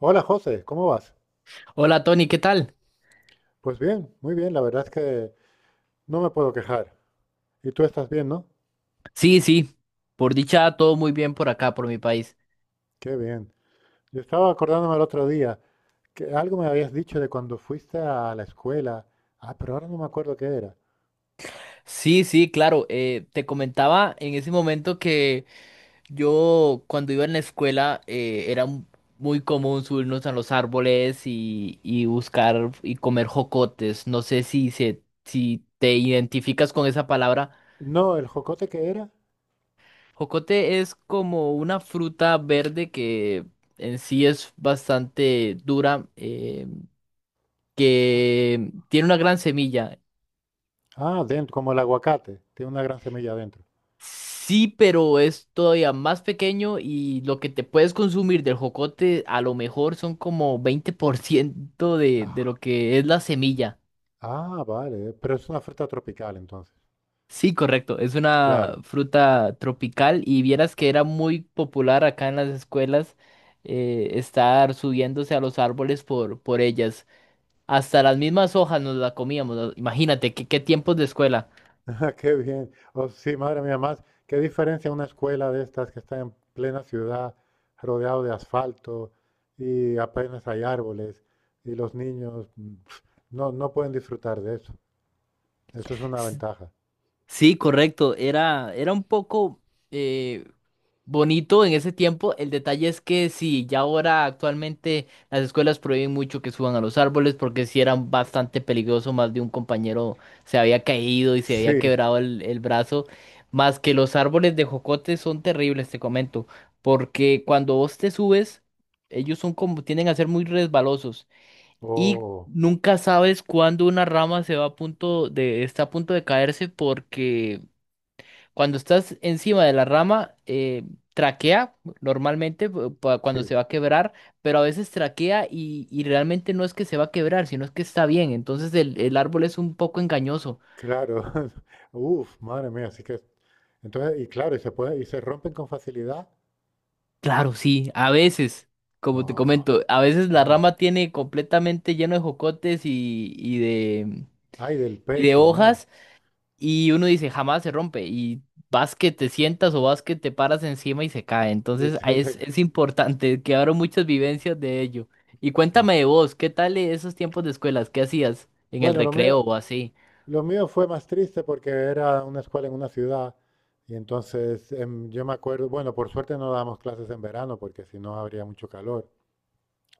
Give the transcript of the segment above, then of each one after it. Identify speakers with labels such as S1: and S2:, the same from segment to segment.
S1: Hola José, ¿cómo vas?
S2: Hola Tony, ¿qué tal?
S1: Pues bien, muy bien, la verdad es que no me puedo quejar. ¿Y tú estás bien, no?
S2: Sí, sí, por dicha todo muy bien por acá, por mi país.
S1: Qué bien. Yo estaba acordándome el otro día que algo me habías dicho de cuando fuiste a la escuela. Ah, pero ahora no me acuerdo qué era.
S2: Sí, sí, claro, te comentaba en ese momento que yo cuando iba en la escuela era muy común subirnos a los árboles y buscar y comer jocotes. No sé si te identificas con esa palabra.
S1: No, el jocote que era.
S2: Jocote es como una fruta verde que en sí es bastante dura, que tiene una gran semilla.
S1: Ah, dentro, como el aguacate. Tiene una gran semilla dentro.
S2: Sí, pero es todavía más pequeño y lo que te puedes consumir del jocote a lo mejor son como 20% de lo
S1: Ah,
S2: que es la semilla.
S1: ah, vale. Pero es una fruta tropical entonces.
S2: Sí, correcto. Es una
S1: Claro.
S2: fruta tropical y vieras que era muy popular acá en las escuelas estar subiéndose a los árboles por ellas. Hasta las mismas hojas nos la comíamos. Imagínate, qué tiempos de escuela.
S1: Ah, qué bien. Oh, sí, madre mía, más, qué diferencia una escuela de estas que está en plena ciudad, rodeado de asfalto y apenas hay árboles y los niños no pueden disfrutar de eso. Eso es una
S2: S-
S1: ventaja.
S2: Sí, correcto. Era un poco... eh, bonito en ese tiempo. El detalle es que sí, ya ahora actualmente las escuelas prohíben mucho que suban a los árboles porque si eran bastante peligroso, más de un compañero se había caído y se había
S1: Sí,
S2: quebrado el brazo. Más que los árboles de jocote son terribles, te comento, porque cuando vos te subes, ellos son como, tienden a ser muy resbalosos y
S1: oh,
S2: nunca sabes cuándo una rama se va a está a punto de caerse porque cuando estás encima de la rama, traquea normalmente cuando se
S1: sí,
S2: va a quebrar, pero a veces traquea y realmente no es que se va a quebrar, sino es que está bien. Entonces el árbol es un poco engañoso.
S1: claro. Uf, madre mía, así que entonces y claro, y se puede y se rompen con facilidad.
S2: Claro, sí, a veces, como te
S1: Oh,
S2: comento, a veces la
S1: madre.
S2: rama tiene completamente lleno de jocotes y, y de,
S1: Ay, del
S2: y de
S1: peso, madre.
S2: hojas. Y uno dice, jamás se rompe. Y vas que te sientas o vas que te paras encima y se cae.
S1: Y
S2: Entonces
S1: te-
S2: ahí
S1: te
S2: es importante, que quedaron muchas vivencias de ello. Y
S1: ma-
S2: cuéntame de vos, ¿qué tal esos tiempos de escuelas? ¿Qué hacías en el
S1: Bueno, lo
S2: recreo
S1: mío,
S2: o así?
S1: lo mío fue más triste porque era una escuela en una ciudad y entonces yo me acuerdo, bueno, por suerte no dábamos clases en verano porque si no habría mucho calor,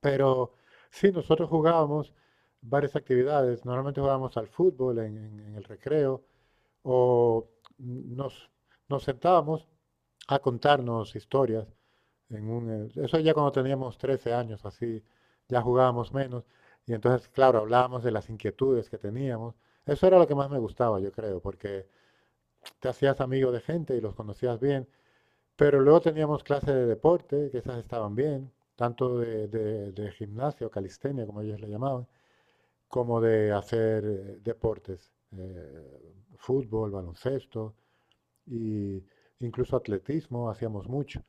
S1: pero sí, nosotros jugábamos varias actividades, normalmente jugábamos al fútbol en, en el recreo o nos, nos sentábamos a contarnos historias eso ya cuando teníamos 13 años, así, ya jugábamos menos. Y entonces, claro, hablábamos de las inquietudes que teníamos. Eso era lo que más me gustaba, yo creo, porque te hacías amigo de gente y los conocías bien. Pero luego teníamos clases de deporte, que esas estaban bien, tanto de, de gimnasio, calistenia, como ellos le llamaban, como de hacer deportes, fútbol, baloncesto, y incluso atletismo, hacíamos mucho.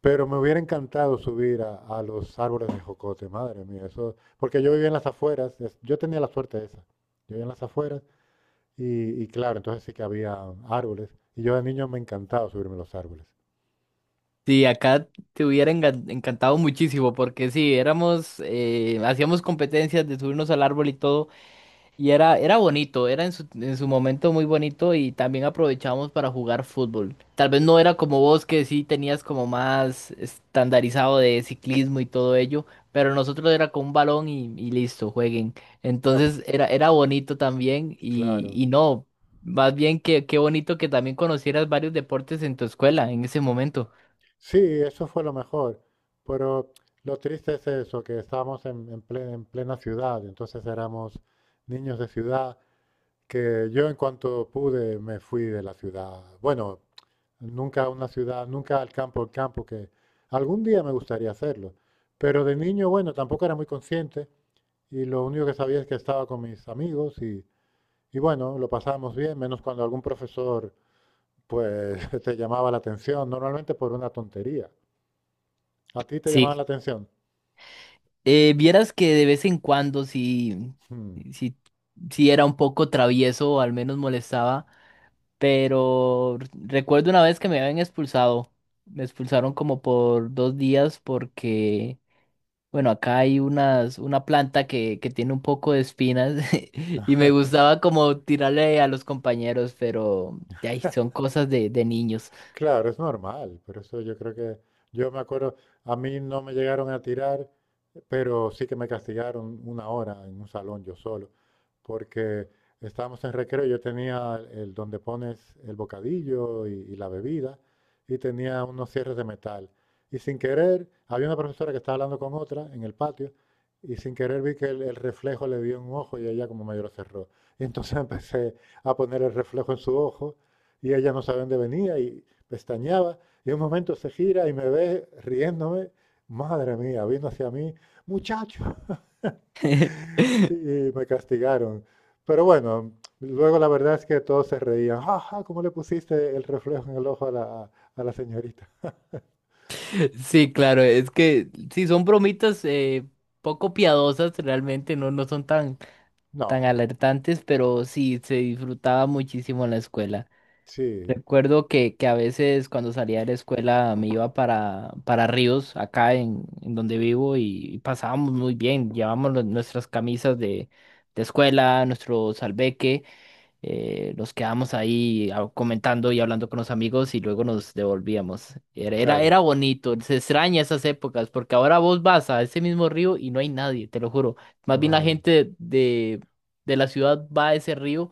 S1: Pero me hubiera encantado subir a los árboles de jocote, madre mía, eso, porque yo vivía en las afueras, yo tenía la suerte esa, yo vivía en las afueras y claro, entonces sí que había árboles y yo de niño me encantaba subirme a los árboles.
S2: Sí, acá te hubiera encantado muchísimo porque sí, éramos, hacíamos competencias de subirnos al árbol y todo. Era bonito, era en en su momento muy bonito y también aprovechábamos para jugar fútbol. Tal vez no era como vos que sí tenías como más estandarizado de ciclismo y todo ello, pero nosotros era con un balón y listo, jueguen.
S1: Ya, pues,
S2: Entonces era bonito también y,
S1: claro,
S2: y no, más bien que qué bonito que también conocieras varios deportes en tu escuela en ese momento.
S1: sí, eso fue lo mejor, pero lo triste es eso, que estábamos en, en plena ciudad, entonces éramos niños de ciudad que yo en cuanto pude me fui de la ciudad. Bueno, nunca a una ciudad, nunca al campo, al campo, que algún día me gustaría hacerlo. Pero de niño, bueno, tampoco era muy consciente y lo único que sabía es que estaba con mis amigos y bueno, lo pasábamos bien, menos cuando algún profesor pues te llamaba la atención, normalmente por una tontería. ¿A ti te llamaba
S2: Sí,
S1: la atención?
S2: Vieras que de vez en cuando sí,
S1: Hmm.
S2: sí, sí era un poco travieso o al menos molestaba. Pero recuerdo una vez que me habían expulsado. Me expulsaron como por dos días porque, bueno, acá hay una planta que tiene un poco de espinas y me gustaba como tirarle a los compañeros, pero ay, son cosas de niños.
S1: Claro, es normal. Por eso yo creo que, yo me acuerdo, a mí no me llegaron a tirar, pero sí que me castigaron una hora en un salón yo solo, porque estábamos en recreo, yo tenía el donde pones el bocadillo y la bebida, y tenía unos cierres de metal. Y sin querer, había una profesora que estaba hablando con otra en el patio, y sin querer vi que el reflejo le dio en un ojo y ella como medio lo cerró. Y entonces empecé a poner el reflejo en su ojo y ella no sabía dónde venía y, pestañeaba y en un momento se gira y me ve riéndome, madre mía, vino hacia mí, muchacho, y me castigaron. Pero bueno, luego la verdad es que todos se reían, jaja, ¿cómo le pusiste el reflejo en el ojo a la señorita?
S2: Sí, claro, es que sí, son bromitas poco piadosas, realmente no, no son tan, tan
S1: No,
S2: alertantes, pero sí, se disfrutaba muchísimo en la escuela.
S1: sí,
S2: Recuerdo que a veces cuando salía de la escuela me iba para Ríos, acá en donde vivo, y pasábamos muy bien. Llevábamos nuestras camisas de escuela, nuestro salveque, nos quedábamos ahí comentando y hablando con los amigos y luego nos devolvíamos.
S1: claro,
S2: Era bonito, se extraña esas épocas, porque ahora vos vas a ese mismo río y no hay nadie, te lo juro. Más bien la
S1: madre.
S2: gente de la ciudad va a ese río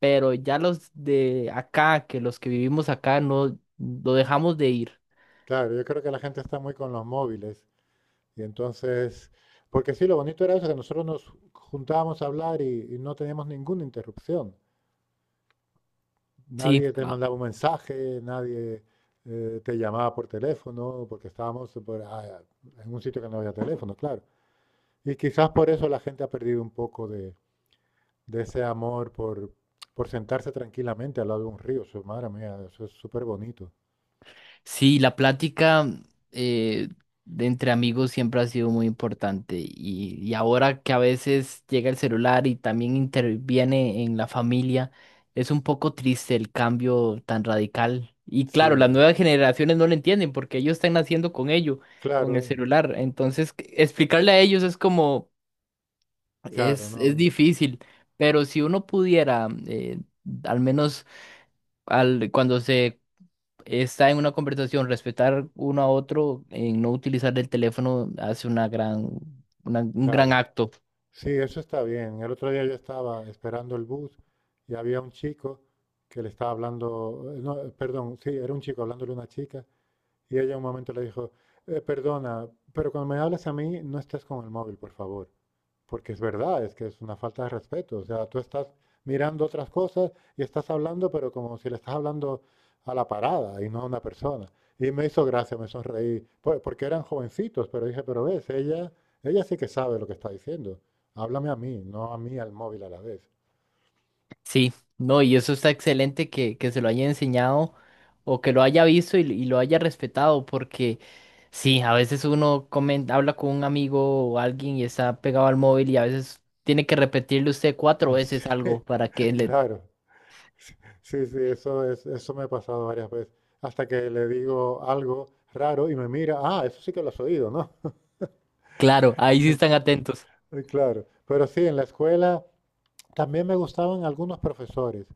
S2: pero ya los de acá, que los que vivimos acá, no lo dejamos de ir.
S1: Claro, yo creo que la gente está muy con los móviles y entonces, porque sí, lo bonito era eso, que nosotros nos juntábamos a hablar y no teníamos ninguna interrupción.
S2: Sí,
S1: Nadie te mandaba un mensaje, nadie te llamaba por teléfono, porque estábamos en un sitio que no había teléfono, claro. Y quizás por eso la gente ha perdido un poco de ese amor por sentarse tranquilamente al lado de un río. Eso, madre mía, eso es súper bonito.
S2: sí, la plática eh, de entre amigos siempre ha sido muy importante y ahora que a veces llega el celular y también interviene en la familia, es un poco triste el cambio tan radical. Y claro, las
S1: Sí,
S2: nuevas generaciones no lo entienden porque ellos están naciendo con ello, con el
S1: claro,
S2: celular. Entonces, explicarle a ellos es como...
S1: claro,
S2: Es
S1: no,
S2: difícil, pero si uno pudiera, al menos cuando se está en una conversación, respetar uno a otro, en no utilizar el teléfono, hace una gran, un gran
S1: claro.
S2: acto.
S1: Sí, eso está bien. El otro día yo estaba esperando el bus y había un chico que le estaba hablando, no, perdón, sí, era un chico hablándole a una chica. Y ella un momento le dijo, perdona, pero cuando me hablas a mí, no estés con el móvil, por favor. Porque es verdad, es que es una falta de respeto. O sea, tú estás mirando otras cosas y estás hablando, pero como si le estás hablando a la parada y no a una persona. Y me hizo gracia, me sonreí, porque eran jovencitos, pero dije, pero ves, ella sí que sabe lo que está diciendo. Háblame a mí, no a mí al móvil a la vez.
S2: Sí, no, y eso está excelente que se lo haya enseñado o que lo haya visto y lo haya respetado, porque sí, a veces uno habla con un amigo o alguien y está pegado al móvil y a veces tiene que repetirle usted cuatro veces
S1: Es-
S2: algo para que le...
S1: Claro. Sí, sí, eso es, eso me ha pasado varias veces. Hasta que le digo algo raro y me mira, ah, eso sí que lo has oído, ¿no?
S2: Claro, ahí sí están atentos.
S1: Y claro. Pero sí, en la escuela también me gustaban algunos profesores,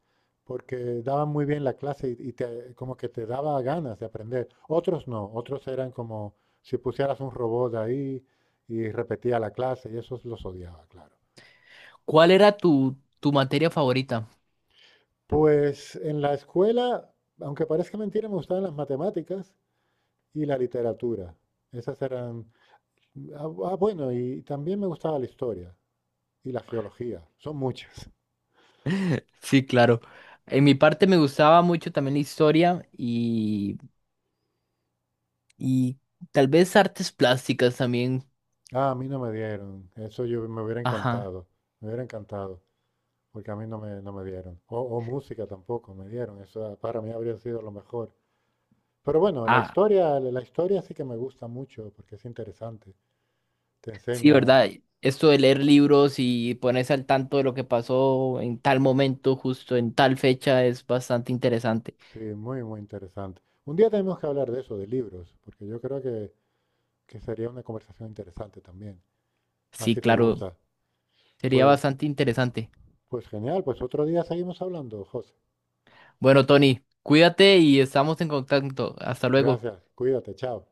S1: porque daban muy bien la clase y como que te daba ganas de aprender. Otros no, otros eran como si pusieras un robot ahí y repetía la clase y esos los odiaba, claro.
S2: ¿Cuál era tu materia favorita?
S1: Pues en la escuela, aunque parezca mentira, me gustaban las matemáticas y la literatura. Esas eran. Ah, ah, bueno, y también me gustaba la historia y la geología. Son muchas.
S2: Sí, claro. En mi parte me gustaba mucho también la historia y tal vez artes plásticas también.
S1: Ah, a mí no me dieron. Eso yo me hubiera
S2: Ajá.
S1: encantado. Me hubiera encantado. Porque a mí no me dieron. O música tampoco me dieron. Eso para mí habría sido lo mejor. Pero bueno, la
S2: Ah,
S1: historia, la historia sí que me gusta mucho porque es interesante. Te
S2: sí,
S1: enseña,
S2: ¿verdad? Esto de leer libros y ponerse al tanto de lo que pasó en tal momento, justo en tal fecha, es bastante interesante.
S1: sí, muy, muy interesante. Un día tenemos que hablar de eso, de libros, porque yo creo que sería una conversación interesante también. Más
S2: Sí,
S1: si te
S2: claro,
S1: gusta.
S2: sería
S1: Pues,
S2: bastante interesante.
S1: pues genial, pues otro día seguimos hablando, José.
S2: Bueno, Tony, cuídate y estamos en contacto. Hasta luego.
S1: Gracias, cuídate, chao.